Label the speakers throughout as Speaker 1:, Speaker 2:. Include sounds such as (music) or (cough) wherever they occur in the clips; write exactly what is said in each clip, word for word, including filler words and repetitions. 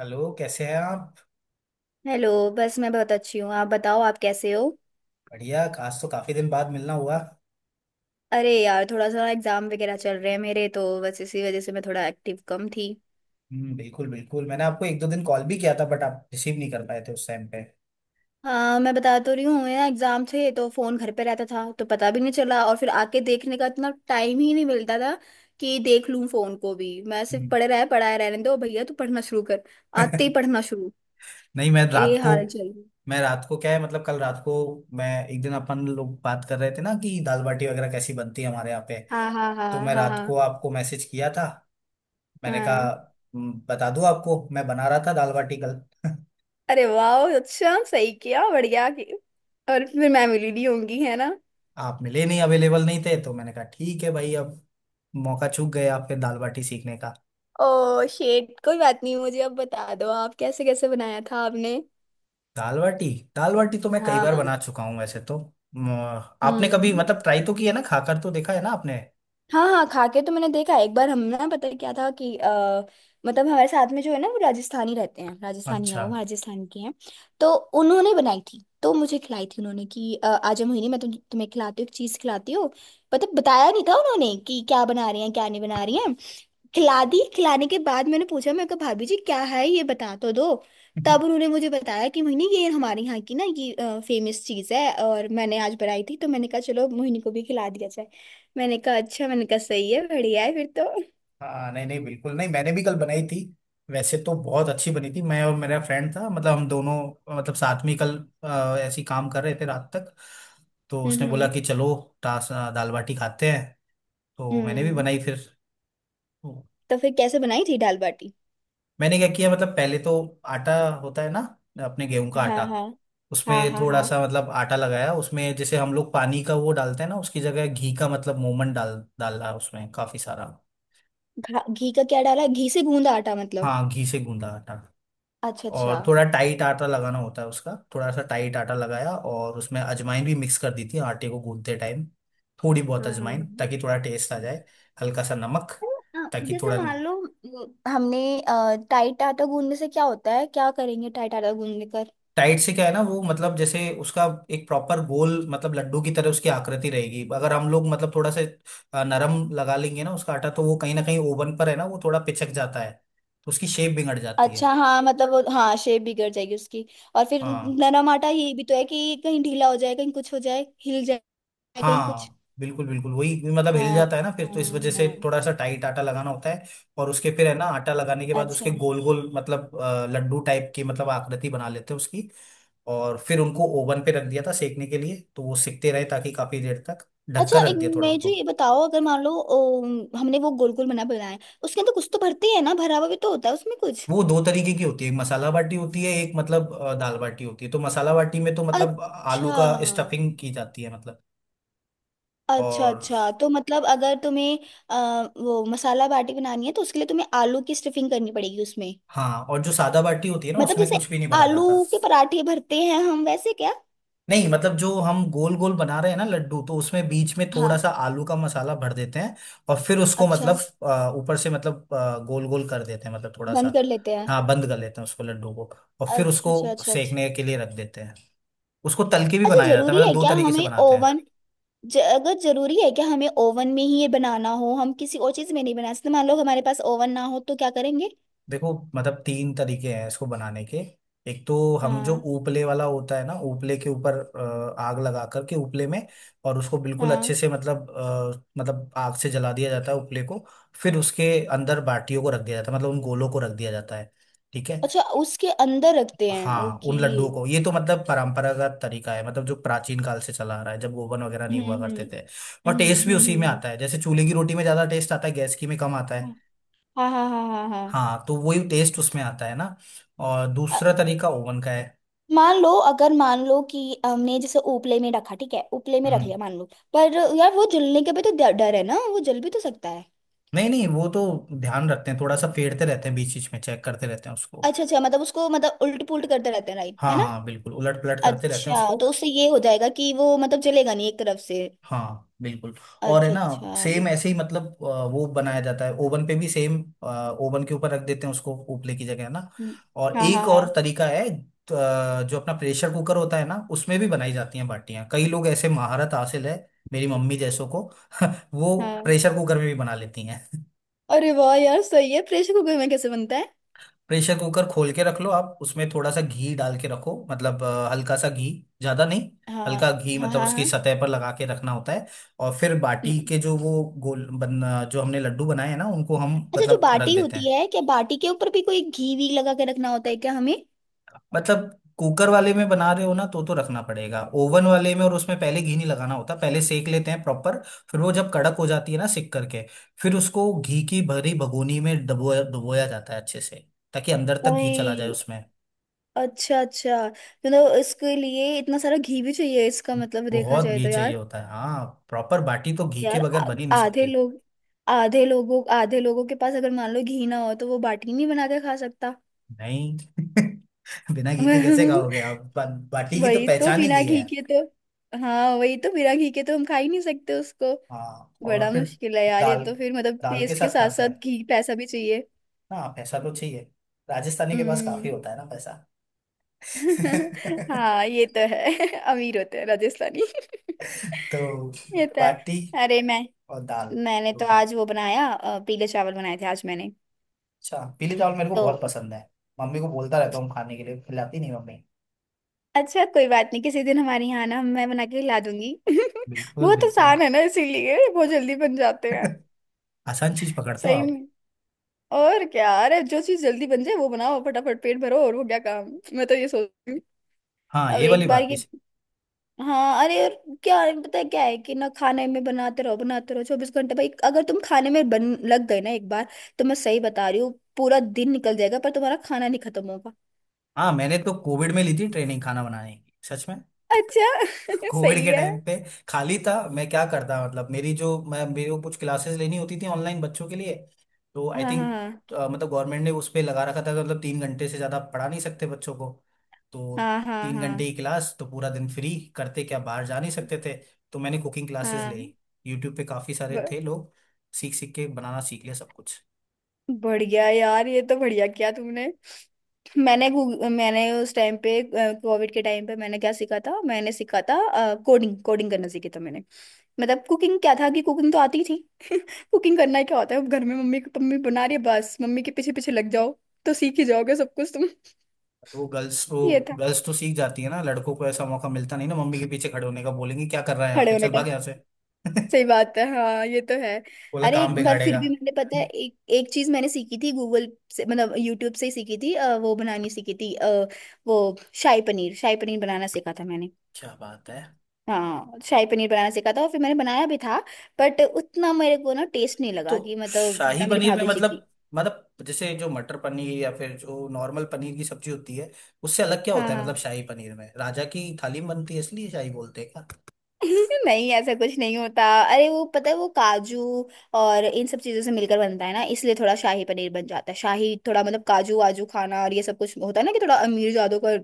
Speaker 1: Hello, कैसे हैं आप?
Speaker 2: हेलो। बस मैं बहुत अच्छी हूँ। आप बताओ आप कैसे हो?
Speaker 1: बढ़िया, आज तो काफी दिन बाद मिलना हुआ।
Speaker 2: अरे यार, थोड़ा सा एग्जाम वगैरह चल रहे हैं मेरे तो, बस इसी वजह से मैं थोड़ा एक्टिव कम थी।
Speaker 1: हम्म, बिल्कुल बिल्कुल, मैंने आपको एक दो दिन कॉल भी किया था बट आप रिसीव नहीं कर पाए थे उस टाइम पे।
Speaker 2: हाँ, मैं बता तो रही हूँ, मेरा एग्जाम थे तो फोन घर पे रहता था तो पता भी नहीं चला, और फिर आके देखने का इतना टाइम ही नहीं मिलता था कि देख लूँ फोन को भी। मैं सिर्फ
Speaker 1: हम्म।
Speaker 2: पढ़े रहे, पढ़ाए रहने दो भैया, तू पढ़ना शुरू कर। आते ही
Speaker 1: (laughs)
Speaker 2: पढ़ना शुरू।
Speaker 1: नहीं, मैं
Speaker 2: ये
Speaker 1: रात को
Speaker 2: हाल चल रही।
Speaker 1: मैं रात को क्या है, मतलब कल रात को मैं एक दिन, अपन लोग बात कर रहे थे ना कि दाल बाटी वगैरह कैसी बनती है हमारे यहाँ पे।
Speaker 2: हाँ, हाँ, हाँ,
Speaker 1: तो मैं
Speaker 2: हाँ,
Speaker 1: रात को
Speaker 2: हाँ,
Speaker 1: आपको मैसेज किया था। मैंने कहा,
Speaker 2: हाँ।
Speaker 1: "हम्म, बता दूं आपको, मैं बना रहा था दाल बाटी कल।" (laughs)
Speaker 2: अरे वाह, अच्छा सही किया, बढ़िया कि। और फिर मैं मिली नहीं होंगी, है ना?
Speaker 1: आप मिले नहीं, अवेलेबल नहीं थे, तो मैंने कहा ठीक है भाई, अब मौका चूक गए आपके दाल बाटी सीखने
Speaker 2: ओ शेट, कोई बात नहीं। मुझे अब बता दो आप कैसे कैसे बनाया था आपने।
Speaker 1: दाल बाटी दाल बाटी तो मैं कई बार
Speaker 2: हाँ।
Speaker 1: बना चुका हूँ वैसे तो। म, आपने कभी
Speaker 2: हम्म।
Speaker 1: मतलब ट्राई तो किया ना, खाकर तो देखा है ना आपने?
Speaker 2: हाँ, हाँ, खा के तो मैंने देखा एक बार। हम ना, पता है क्या था कि आ, मतलब हमारे साथ में जो है ना, वो राजस्थानी रहते हैं, राजस्थानी है,
Speaker 1: अच्छा।
Speaker 2: वो
Speaker 1: (laughs)
Speaker 2: राजस्थान के हैं। तो उन्होंने बनाई थी तो मुझे खिलाई थी उन्होंने कि अ, आज हम मोहिनी, मैं तुम तुम्हें खिलाती हूँ एक चीज़ खिलाती हूँ। मतलब बताया नहीं था उन्होंने कि क्या बना रही हैं क्या नहीं बना रही हैं। खिला दी, खिलाने के बाद मैंने पूछा, मैं कहा भाभी जी क्या है ये, बता तो दो। तब उन्होंने मुझे बताया कि मोहिनी, ये हमारे यहाँ की ना, ये फेमस चीज़ है, और मैंने आज बनाई थी तो मैंने कहा चलो मोहिनी को भी खिला दिया जाए। मैंने कहा अच्छा, मैंने कहा सही है, बढ़िया है फिर तो।
Speaker 1: हाँ, नहीं नहीं, बिल्कुल नहीं, मैंने भी कल बनाई थी। वैसे तो बहुत अच्छी बनी थी। मैं और मेरा फ्रेंड था, मतलब हम दोनों अ, मतलब साथ में ही कल अ, ऐसे ही काम कर रहे थे रात तक। तो उसने बोला
Speaker 2: हम्म।
Speaker 1: कि चलो टा- दाल बाटी खाते हैं। तो मैंने भी
Speaker 2: हम्म।
Speaker 1: बनाई फिर।
Speaker 2: तो फिर कैसे बनाई थी दाल बाटी?
Speaker 1: मैंने क्या किया मतलब, पहले तो आटा होता है ना, अपने गेहूं का
Speaker 2: हाँ,
Speaker 1: आटा।
Speaker 2: हाँ, हाँ,
Speaker 1: उसमें
Speaker 2: हाँ,
Speaker 1: थोड़ा
Speaker 2: हाँ।
Speaker 1: सा मतलब आटा लगाया, उसमें जैसे हम लोग पानी का वो डालते हैं ना, उसकी जगह घी का मतलब मोमन डाल डाला उसमें काफी सारा।
Speaker 2: घा- घी का क्या डाला, घी से गूंदा आटा मतलब?
Speaker 1: हाँ, घी से गूंदा आटा।
Speaker 2: अच्छा अच्छा।
Speaker 1: और थोड़ा टाइट आटा लगाना होता है उसका। थोड़ा सा टाइट आटा लगाया और उसमें अजवाइन भी मिक्स कर दी थी आटे को गूंदते टाइम। थोड़ी बहुत
Speaker 2: हाँ, हाँ,
Speaker 1: अजवाइन,
Speaker 2: हाँ।
Speaker 1: ताकि थोड़ा टेस्ट आ जाए। हल्का सा नमक।
Speaker 2: अ,
Speaker 1: ताकि
Speaker 2: जैसे
Speaker 1: थोड़ा
Speaker 2: मान लो, अ, हमने अ, टाइट आटा गूंदने से क्या होता है, क्या करेंगे टाइट आटा गूंदने कर?
Speaker 1: टाइट से क्या है ना, वो मतलब जैसे उसका एक प्रॉपर गोल, मतलब लड्डू की तरह उसकी आकृति रहेगी। अगर हम लोग मतलब थोड़ा से अ, नरम लगा लेंगे ना उसका आटा, तो वो कहीं ना कहीं ओवन पर है ना, वो थोड़ा पिचक जाता है। तो उसकी शेप बिगड़ जाती है।
Speaker 2: अच्छा हाँ, मतलब वो हाँ, शेप बिगड़ जाएगी उसकी। और फिर
Speaker 1: हाँ
Speaker 2: नरम आटा, ये भी तो है कि कहीं ढीला हो जाए, कहीं कुछ हो जाए, हिल जाए। कहीं कुछ।
Speaker 1: हाँ, बिल्कुल बिल्कुल, वही मतलब हिल
Speaker 2: हाँ,
Speaker 1: जाता है ना फिर
Speaker 2: हाँ,
Speaker 1: तो, इस वजह से
Speaker 2: हाँ।
Speaker 1: थोड़ा सा टाइट आटा लगाना होता है। और उसके फिर है ना, आटा लगाने के बाद
Speaker 2: अच्छा
Speaker 1: उसके गोल गोल मतलब अ, लड्डू टाइप की मतलब आकृति बना लेते हैं उसकी। और फिर उनको ओवन पे रख दिया था सेकने के लिए। तो वो सिकते रहे, ताकि काफी देर तक
Speaker 2: अच्छा,
Speaker 1: ढककर
Speaker 2: एक।
Speaker 1: रख दिया थोड़ा
Speaker 2: मैं जो,
Speaker 1: उनको।
Speaker 2: ये बताओ, अगर मान लो ओ, हमने वो गोल गोल बना बनाए, उसके अंदर कुछ तो भरते हैं ना, भरा हुआ भी तो होता है उसमें कुछ।
Speaker 1: वो दो तरीके की होती है, एक मसाला बाटी होती है, एक मतलब अ, दाल बाटी होती है। तो मसाला बाटी में तो मतलब आलू
Speaker 2: अच्छा
Speaker 1: का स्टफिंग की जाती है मतलब।
Speaker 2: अच्छा
Speaker 1: और
Speaker 2: अच्छा, तो मतलब अगर तुम्हें आ, वो मसाला बाटी बनानी है तो उसके लिए तुम्हें आलू की स्टफिंग करनी पड़ेगी उसमें।
Speaker 1: हाँ, और जो सादा बाटी होती है ना,
Speaker 2: मतलब
Speaker 1: उसमें
Speaker 2: जैसे
Speaker 1: कुछ भी नहीं भरा जाता।
Speaker 2: आलू के पराठे भरते हैं हम, वैसे क्या?
Speaker 1: नहीं मतलब, जो हम गोल गोल बना रहे हैं ना लड्डू, तो उसमें बीच में थोड़ा
Speaker 2: हाँ।
Speaker 1: सा आलू का मसाला भर देते हैं। और फिर उसको मतलब
Speaker 2: अच्छा।
Speaker 1: अ, ऊपर से मतलब गोल गोल कर देते हैं, मतलब थोड़ा
Speaker 2: बंद
Speaker 1: सा।
Speaker 2: कर लेते हैं।
Speaker 1: हाँ, बंद कर लेते हैं उसको, लड्डू को। और फिर
Speaker 2: अच्छा
Speaker 1: उसको
Speaker 2: अच्छा अच्छा अच्छा।
Speaker 1: सेकने के लिए रख देते हैं। उसको तल के भी
Speaker 2: अच्छा
Speaker 1: बनाया जाता है,
Speaker 2: जरूरी
Speaker 1: मतलब
Speaker 2: है
Speaker 1: दो
Speaker 2: क्या
Speaker 1: तरीके से
Speaker 2: हमें
Speaker 1: बनाते हैं।
Speaker 2: ओवन, ज, अगर जरूरी है क्या हमें ओवन में ही ये बनाना, हो हम किसी और चीज में नहीं बना सकते, मान लो हमारे पास ओवन ना हो तो क्या करेंगे?
Speaker 1: देखो, मतलब तीन तरीके हैं इसको बनाने के। एक तो, हम जो
Speaker 2: हाँ,
Speaker 1: उपले वाला होता है ना, उपले के ऊपर अ, आग लगा करके उपले में, और उसको बिल्कुल अच्छे
Speaker 2: हाँ।
Speaker 1: से मतलब अ, मतलब आग से जला दिया जाता है उपले को। फिर उसके अंदर बाटियों को रख दिया जाता है, मतलब उन गोलों को रख दिया जाता है। ठीक है।
Speaker 2: अच्छा उसके अंदर रखते हैं,
Speaker 1: हाँ,
Speaker 2: ओके।
Speaker 1: उन लड्डुओं को। ये तो मतलब परंपरागत तरीका है, मतलब जो प्राचीन काल से चला आ रहा है, जब ओवन वगैरह नहीं
Speaker 2: हम्म,
Speaker 1: हुआ करते
Speaker 2: हम्म,
Speaker 1: थे। और टेस्ट
Speaker 2: हम्म, हम्म,
Speaker 1: भी उसी में
Speaker 2: हम्म,
Speaker 1: आता है, जैसे चूल्हे की रोटी में ज्यादा टेस्ट आता है, गैस की में कम आता है।
Speaker 2: हम्म। हाँ, हाँ, हाँ, हाँ, हाँ।
Speaker 1: हाँ, तो वही टेस्ट उसमें आता है ना। और
Speaker 2: अ,
Speaker 1: दूसरा तरीका ओवन का है।
Speaker 2: मान लो, अगर मान लो कि हमने जैसे उपले में रखा, ठीक है उपले में रख
Speaker 1: हम्म।
Speaker 2: लिया मान लो, पर यार, वो जलने का भी तो डर डर है ना, वो जल भी तो सकता है।
Speaker 1: नहीं नहीं, वो तो ध्यान रखते हैं, थोड़ा सा फेरते रहते हैं, बीच बीच में चेक करते रहते हैं उसको।
Speaker 2: अच्छा अच्छा, मतलब उसको मतलब उल्ट पुल्ट करते रहते हैं, राइट, है
Speaker 1: हाँ
Speaker 2: ना?
Speaker 1: हाँ, बिल्कुल उलट पलट करते रहते हैं
Speaker 2: अच्छा,
Speaker 1: उसको।
Speaker 2: तो उससे ये हो जाएगा कि वो मतलब जलेगा नहीं एक तरफ से।
Speaker 1: हाँ बिल्कुल। और है
Speaker 2: अच्छा
Speaker 1: ना,
Speaker 2: अच्छा
Speaker 1: सेम
Speaker 2: ये।
Speaker 1: ऐसे ही मतलब अ, वो बनाया जाता है ओवन पे भी सेम। ओवन के ऊपर रख देते हैं उसको, उपले की जगह है ना।
Speaker 2: हम्म।
Speaker 1: और
Speaker 2: हाँ, हाँ,
Speaker 1: एक और
Speaker 2: हाँ,
Speaker 1: तरीका है, अ, जो अपना प्रेशर कुकर होता है ना, उसमें भी बनाई जाती हैं बाटियां, कई लोग ऐसे महारत हासिल है, मेरी मम्मी जैसों को। (laughs) वो
Speaker 2: हाँ,
Speaker 1: प्रेशर कुकर में भी बना लेती हैं।
Speaker 2: अरे वाह यार, सही है। प्रेशर कुकर में कैसे बनता है?
Speaker 1: प्रेशर कुकर खोल के रख लो आप, उसमें थोड़ा सा घी डाल के रखो मतलब, अ, हल्का सा घी, ज्यादा नहीं।
Speaker 2: हाँ,
Speaker 1: हल्का घी
Speaker 2: हाँ,
Speaker 1: मतलब
Speaker 2: हाँ,
Speaker 1: उसकी
Speaker 2: हाँ।
Speaker 1: सतह पर लगा के रखना होता है। और फिर बाटी
Speaker 2: हम्म।
Speaker 1: के जो वो गोल बन, जो हमने लड्डू बनाए हैं ना, उनको हम
Speaker 2: अच्छा, जो
Speaker 1: मतलब रख
Speaker 2: बाटी
Speaker 1: देते
Speaker 2: होती
Speaker 1: हैं।
Speaker 2: है, क्या बाटी के ऊपर भी कोई घी वी लगा के रखना होता है क्या हमें?
Speaker 1: मतलब, कुकर वाले में बना रहे हो ना, तो तो रखना पड़ेगा। ओवन वाले में और उसमें पहले घी नहीं लगाना होता, पहले सेक लेते हैं प्रॉपर। फिर वो जब कड़क हो जाती है ना सिक करके, फिर उसको घी की भरी भगोनी में डुबोया डुबोया जाता है अच्छे से, ताकि अंदर तक घी चला जाए
Speaker 2: ओए।
Speaker 1: उसमें।
Speaker 2: अच्छा अच्छा, मतलब इसके लिए इतना सारा घी भी चाहिए, इसका मतलब देखा
Speaker 1: बहुत
Speaker 2: जाए
Speaker 1: घी
Speaker 2: तो
Speaker 1: चाहिए
Speaker 2: यार।
Speaker 1: होता है, हाँ। प्रॉपर बाटी तो घी के
Speaker 2: यार,
Speaker 1: बगैर
Speaker 2: आ-
Speaker 1: बन ही नहीं
Speaker 2: आधे
Speaker 1: सकती।
Speaker 2: लोग, आधे लोगों आधे लोगों के पास अगर मान लो घी ना हो तो वो बाटी नहीं बना के खा सकता।
Speaker 1: नहीं। (laughs) बिना घी के कैसे
Speaker 2: (laughs)
Speaker 1: खाओगे आप? बा, बाटी की तो
Speaker 2: वही तो,
Speaker 1: पहचान ही
Speaker 2: बिना
Speaker 1: घी है।
Speaker 2: घी के तो, हाँ वही तो, बिना घी के तो हम खा ही नहीं सकते उसको।
Speaker 1: हाँ,
Speaker 2: बड़ा
Speaker 1: और फिर
Speaker 2: मुश्किल है यार ये
Speaker 1: दाल,
Speaker 2: तो, फिर मतलब
Speaker 1: दाल के
Speaker 2: टेस्ट के
Speaker 1: साथ
Speaker 2: साथ
Speaker 1: खाते
Speaker 2: साथ
Speaker 1: हैं।
Speaker 2: घी, पैसा भी चाहिए।
Speaker 1: हाँ, पैसा तो चाहिए, राजस्थानी के पास काफी
Speaker 2: हम्म।
Speaker 1: होता है ना पैसा।
Speaker 2: (laughs) हाँ
Speaker 1: (laughs)
Speaker 2: ये तो है। (laughs) अमीर होते हैं राजस्थानी।
Speaker 1: तो
Speaker 2: (laughs) ये तो है।
Speaker 1: बाटी
Speaker 2: अरे मैं,
Speaker 1: और दाल
Speaker 2: मैंने तो
Speaker 1: दोनों।
Speaker 2: आज वो बनाया, अ, पीले चावल बनाए थे आज मैंने।
Speaker 1: अच्छा, पीले चावल मेरे को बहुत
Speaker 2: तो
Speaker 1: पसंद है, मम्मी को बोलता रहता हूँ खाने के लिए, खिलाती नहीं मम्मी।
Speaker 2: अच्छा, कोई बात नहीं, किसी दिन हमारे यहाँ ना मैं बना के ला दूंगी। (laughs)
Speaker 1: बिल्कुल
Speaker 2: बहुत
Speaker 1: बिल्कुल।
Speaker 2: आसान है ना, इसीलिए बहुत जल्दी बन जाते हैं।
Speaker 1: (laughs) आसान चीज पकड़ते हो
Speaker 2: सही
Speaker 1: आप।
Speaker 2: में, और क्या। अरे, जो चीज जल्दी बन जाए वो बनाओ, फटाफट पेट भरो और हो गया काम। मैं तो ये सोचती हूँ।
Speaker 1: हाँ,
Speaker 2: अब
Speaker 1: ये वाली
Speaker 2: एक बार
Speaker 1: बात भी।
Speaker 2: ये, हाँ अरे यार, क्या है, पता है क्या है कि ना, खाने में बनाते रहो बनाते रहो चौबीस घंटे, भाई अगर तुम खाने में बन लग गए ना एक बार, तो मैं सही बता रही हूँ, पूरा दिन निकल जाएगा पर तुम्हारा खाना नहीं खत्म।
Speaker 1: हाँ, मैंने तो कोविड में ली थी ट्रेनिंग खाना बनाने की, सच में।
Speaker 2: अच्छा,
Speaker 1: (laughs)
Speaker 2: (laughs)
Speaker 1: कोविड
Speaker 2: सही
Speaker 1: के
Speaker 2: है।
Speaker 1: टाइम पे खाली था मैं, क्या करता? मतलब मेरी जो, मैं मेरे को कुछ क्लासेस लेनी होती थी ऑनलाइन बच्चों के लिए। तो आई
Speaker 2: हाँ,
Speaker 1: थिंक,
Speaker 2: हाँ,
Speaker 1: मतलब गवर्नमेंट ने उस पे लगा रखा था कि मतलब तीन घंटे से ज़्यादा पढ़ा नहीं सकते बच्चों को। तो
Speaker 2: हाँ, हाँ,
Speaker 1: तीन
Speaker 2: हाँ,
Speaker 1: घंटे की क्लास, तो पूरा दिन फ्री, करते क्या, बाहर जा नहीं सकते थे। तो मैंने कुकिंग क्लासेस ले,
Speaker 2: हाँ।
Speaker 1: यूट्यूब पे काफ़ी सारे
Speaker 2: ब-
Speaker 1: थे लोग, सीख सीख के बनाना सीख लिया सब कुछ।
Speaker 2: बढ़िया यार, ये तो बढ़िया किया तुमने। मैंने गूग- मैंने उस टाइम पे, कोविड के टाइम पे मैंने क्या सीखा था, मैंने सीखा था कोडिंग, कोडिंग करना सीखी था मैंने। मतलब कुकिंग क्या था कि कुकिंग तो आती ही थी। कुकिंग करना क्या होता है, अब घर में मम्मी मम्मी बना रही है बस, मम्मी के पीछे पीछे लग जाओ, तो सीख ही जाओगे सब कुछ तुम।
Speaker 1: वो गर्ल्स, वो
Speaker 2: ये था,
Speaker 1: गर्ल्स तो सीख जाती है ना, लड़कों को ऐसा मौका मिलता नहीं ना, मम्मी के पीछे खड़े होने का, बोलेंगे क्या कर रहा है यहाँ
Speaker 2: खड़े
Speaker 1: पे,
Speaker 2: होने
Speaker 1: चल
Speaker 2: का।
Speaker 1: भाग यहाँ से। (laughs)
Speaker 2: सही बात है, हाँ ये तो है।
Speaker 1: बोला
Speaker 2: अरे
Speaker 1: काम
Speaker 2: एक बार फिर
Speaker 1: बिगाड़ेगा।
Speaker 2: भी मैंने, पता है एक एक चीज मैंने सीखी थी गूगल से, मतलब यूट्यूब से ही सीखी थी, अ, वो बनानी सीखी थी, अ, वो शाही पनीर, शाही पनीर बनाना सीखा था मैंने।
Speaker 1: क्या बात है!
Speaker 2: हाँ शाही पनीर बनाना सीखा था और फिर मैंने बनाया भी था। बट उतना मेरे को ना टेस्ट नहीं
Speaker 1: तो
Speaker 2: लगा, कि मतलब
Speaker 1: शाही
Speaker 2: जितना मेरी
Speaker 1: पनीर में
Speaker 2: भाभी जी की।
Speaker 1: मतलब, मतलब जैसे जो मटर पनीर या फिर जो नॉर्मल पनीर की सब्जी होती है, उससे अलग क्या
Speaker 2: हाँ,
Speaker 1: होता है? मतलब
Speaker 2: हाँ।
Speaker 1: शाही पनीर में राजा की थाली में बनती है, इसलिए शाही बोलते हैं क्या?
Speaker 2: (laughs) नहीं ऐसा कुछ नहीं होता। अरे वो पता है, वो काजू और इन सब चीजों से मिलकर बनता है ना, इसलिए थोड़ा शाही पनीर बन जाता है शाही, थोड़ा मतलब काजू वाजू खाना और ये सब कुछ, होता है ना कि थोड़ा अमीर जादों का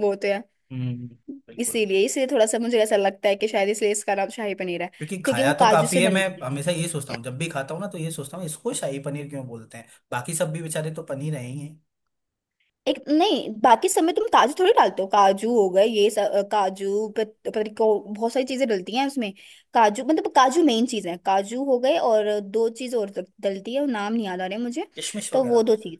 Speaker 2: वो होते हैं,
Speaker 1: हम्म, बिल्कुल।
Speaker 2: इसीलिए इसलिए थोड़ा सा मुझे ऐसा लगता है कि शायद इसलिए इसका नाम शाही पनीर है,
Speaker 1: क्योंकि
Speaker 2: क्योंकि
Speaker 1: खाया
Speaker 2: वो
Speaker 1: तो
Speaker 2: काजू
Speaker 1: काफी
Speaker 2: से
Speaker 1: है, मैं
Speaker 2: बनती है।
Speaker 1: हमेशा ये सोचता हूँ जब भी खाता हूँ ना, तो ये सोचता हूँ इसको शाही पनीर क्यों बोलते हैं, बाकी सब भी बेचारे तो पनीर है ही है।
Speaker 2: एक नहीं, बाकी सब में तुम काजू थोड़ी डालते हो, काजू हो गए, ये सब अ, काजू, प- पता नहीं कौ- बहुत सारी चीजें डलती हैं उसमें। काजू, मतलब काजू मेन चीज है, काजू हो गए, और दो चीज और डल- डलती है, वो नाम नहीं याद आ रहे मुझे।
Speaker 1: किशमिश
Speaker 2: तो वो दो
Speaker 1: वगैरह।
Speaker 2: चीज,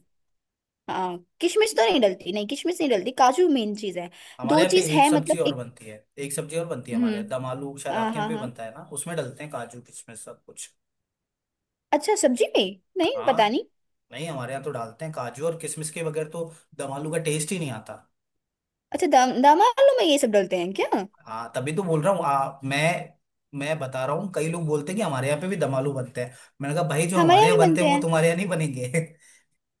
Speaker 2: हाँ किशमिश तो नहीं डलती, नहीं किशमिश नहीं डलती, काजू मेन चीज है।
Speaker 1: हमारे
Speaker 2: दो
Speaker 1: यहाँ पे
Speaker 2: चीज
Speaker 1: एक
Speaker 2: है
Speaker 1: सब्जी
Speaker 2: मतलब,
Speaker 1: और
Speaker 2: एक।
Speaker 1: बनती है, एक सब्जी और बनती है हमारे यहाँ
Speaker 2: हम्म।
Speaker 1: दम आलू, शायद
Speaker 2: हाँ,
Speaker 1: आपके यहाँ
Speaker 2: हाँ,
Speaker 1: पे
Speaker 2: हाँ।
Speaker 1: बनता है ना, उसमें डलते हैं काजू किशमिश सब कुछ।
Speaker 2: अच्छा सब्जी में? नहीं पता
Speaker 1: हाँ,
Speaker 2: नहीं।
Speaker 1: नहीं हमारे यहाँ तो डालते हैं काजू, और किशमिश के बगैर तो दम आलू का टेस्ट ही नहीं आता।
Speaker 2: अच्छा दम दम आलू में ये सब डलते हैं क्या?
Speaker 1: हाँ, तभी तो बोल रहा हूँ। आ, मैं मैं बता रहा हूँ, कई लोग बोलते हैं कि हमारे यहाँ पे भी दम आलू बनते हैं। मैंने कहा भाई, जो
Speaker 2: हमारे
Speaker 1: हमारे
Speaker 2: यहाँ
Speaker 1: यहाँ
Speaker 2: भी
Speaker 1: बनते
Speaker 2: बनते
Speaker 1: हैं वो
Speaker 2: हैं।
Speaker 1: तुम्हारे यहाँ नहीं बनेंगे।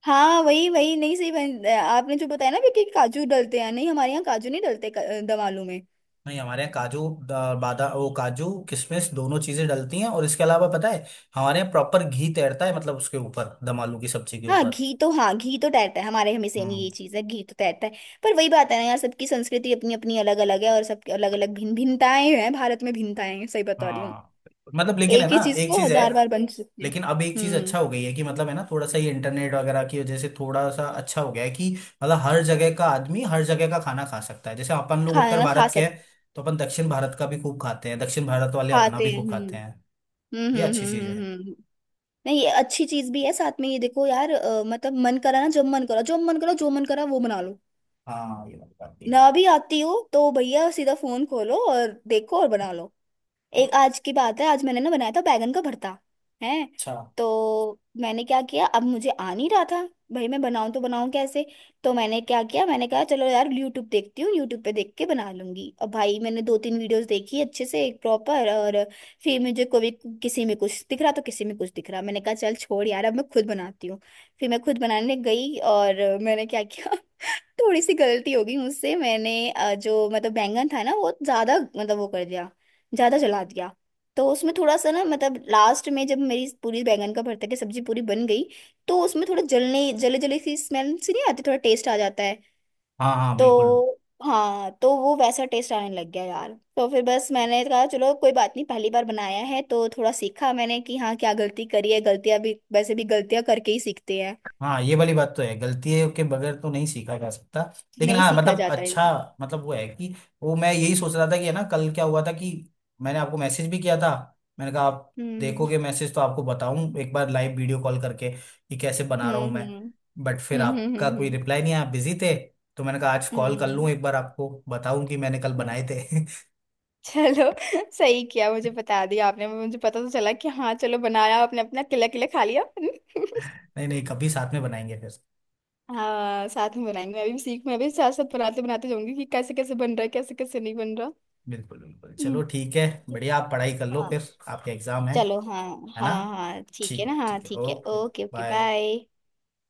Speaker 2: हाँ वही, वही नहीं सही बन, आपने जो बताया ना भी कि काजू डलते हैं, नहीं हमारे यहाँ काजू नहीं डलते, क- दम आलू में।
Speaker 1: (laughs) नहीं हमारे यहाँ काजू, द- बादा, वो काजू किशमिश दोनों चीजें डलती हैं, और इसके अलावा पता है, हमारे यहाँ प्रॉपर घी तैरता है, मतलब उसके ऊपर दम आलू की सब्जी के
Speaker 2: हाँ
Speaker 1: ऊपर।
Speaker 2: घी तो, हाँ घी तो तैरता है हमारे, हमें सेम
Speaker 1: हम्म।
Speaker 2: ये चीज़ है, घी तो तैरता है। पर वही बात है ना यार, सबकी संस्कृति अपनी अपनी अलग अलग है, और सबकी अलग अलग भिन्न भिन्नताएं हैं, भारत में भिन्नताएं हैं, सही बता रही हूँ।
Speaker 1: हाँ, मतलब लेकिन है
Speaker 2: एक ही
Speaker 1: ना
Speaker 2: चीज
Speaker 1: एक
Speaker 2: को
Speaker 1: चीज है,
Speaker 2: हजार बार बन सकते हैं।
Speaker 1: लेकिन अब एक चीज अच्छा
Speaker 2: हम्म।
Speaker 1: हो गई है कि मतलब है ना, थोड़ा सा ये इंटरनेट वगैरह की वजह से थोड़ा सा अच्छा हो गया है कि मतलब, हर जगह का आदमी हर जगह का खाना खा सकता है। जैसे अपन लोग उत्तर
Speaker 2: खाना खा
Speaker 1: भारत के
Speaker 2: सक,
Speaker 1: हैं, तो अपन दक्षिण भारत का भी खूब खाते हैं, दक्षिण भारत वाले अपना
Speaker 2: खाते
Speaker 1: भी
Speaker 2: हैं।
Speaker 1: खूब
Speaker 2: हम्म,
Speaker 1: खाते हैं।
Speaker 2: हम्म,
Speaker 1: ये
Speaker 2: हम्म,
Speaker 1: अच्छी
Speaker 2: हम्म,
Speaker 1: चीज
Speaker 2: हम्म,
Speaker 1: है।
Speaker 2: हम्म। हम्म। नहीं, ये अच्छी चीज भी है साथ में। ये देखो यार, अ, मतलब मन करा ना, जब मन करा, जब मन करा, जो मन करा वो बना लो।
Speaker 1: हाँ, ये बात भी
Speaker 2: मैं
Speaker 1: है।
Speaker 2: अभी आती हूँ तो भैया सीधा फोन खोलो और देखो और बना लो। एक आज की बात है, आज मैंने ना बनाया था बैगन का भरता है,
Speaker 1: अच्छा।
Speaker 2: तो मैंने क्या किया, अब मुझे आ नहीं रहा था, भाई मैं बनाऊं तो बनाऊं कैसे? तो मैंने क्या किया, मैंने कहा चलो यार यूट्यूब देखती हूँ, यूट्यूब पे देख के बना लूंगी, और भाई मैंने दो तीन वीडियोस देखी अच्छे से, एक प्रॉपर, और फिर मुझे कभी, किसी में कुछ दिख रहा तो किसी में कुछ दिख रहा, मैंने कहा चल छोड़ यार, अब मैं खुद बनाती हूँ। फिर मैं खुद बनाने गई और मैंने क्या किया, (laughs) थोड़ी सी गलती हो गई मुझसे, मैंने अ, जो मतलब बैंगन था ना, वो ज्यादा मतलब वो कर दिया, ज्यादा जला दिया। तो उसमें थोड़ा सा ना मतलब, लास्ट में जब मेरी पूरी बैंगन का भरता की सब्जी पूरी बन गई, तो उसमें थोड़ा जलने, जले जले सी स्मेल सी नहीं आती, थोड़ा टेस्ट आ जाता है,
Speaker 1: हाँ हाँ, बिल्कुल।
Speaker 2: तो हाँ तो वो वैसा टेस्ट आने लग गया यार। तो फिर बस मैंने कहा चलो कोई बात नहीं, पहली बार बनाया है तो थोड़ा सीखा मैंने कि हाँ क्या गलती करी है, गलतियां भी वैसे भी गलतियां करके ही सीखते हैं,
Speaker 1: हाँ, ये वाली बात तो है, गलतियों के बगैर तो नहीं सीखा जा सकता। लेकिन
Speaker 2: नहीं
Speaker 1: हाँ,
Speaker 2: सीखा
Speaker 1: मतलब,
Speaker 2: जाता है।
Speaker 1: अच्छा, मतलब वो है कि, वो मैं यही सोच रहा था कि है ना, कल क्या हुआ था कि मैंने आपको मैसेज भी किया था। मैंने कहा, आप
Speaker 2: हम्म,
Speaker 1: देखोगे मैसेज तो आपको बताऊं एक बार, लाइव वीडियो कॉल करके कि कैसे बना रहा हूं
Speaker 2: हम्म, हम्म,
Speaker 1: मैं।
Speaker 2: हम्म।
Speaker 1: बट फिर
Speaker 2: हम्म, हम्म,
Speaker 1: आपका
Speaker 2: हम्म,
Speaker 1: कोई
Speaker 2: हम्म,
Speaker 1: रिप्लाई नहीं आया, आप बिजी थे। तो मैंने कहा आज कॉल कर लूं,
Speaker 2: हम्म।
Speaker 1: एक बार आपको बताऊं कि मैंने कल
Speaker 2: हम्म।
Speaker 1: बनाए थे।
Speaker 2: चलो, (laughs) सही किया मुझे बता दिया आपने, मुझे पता तो चला कि हाँ चलो बनाया आपने, अपना किला किला खा लिया। (laughs)
Speaker 1: (laughs) नहीं नहीं, कभी साथ में बनाएंगे फिर।
Speaker 2: हाँ साथ में बनाएंगे, मैं भी सीख मैं भी साथ साथ बनाते बनाते जाऊंगी कि कैसे कैसे बन रहा है, कैसे कैसे नहीं बन रहा।
Speaker 1: बिल्कुल बिल्कुल, चलो
Speaker 2: हम्म।
Speaker 1: ठीक है। बढ़िया, आप पढ़ाई कर लो
Speaker 2: हाँ
Speaker 1: फिर, आपके एग्जाम है
Speaker 2: चलो, हाँ।
Speaker 1: है ना?
Speaker 2: हाँ, हाँ ठीक है ना,
Speaker 1: ठीक,
Speaker 2: हाँ
Speaker 1: ठीक है,
Speaker 2: ठीक है,
Speaker 1: okay,
Speaker 2: okay okay,
Speaker 1: bye.
Speaker 2: Bye.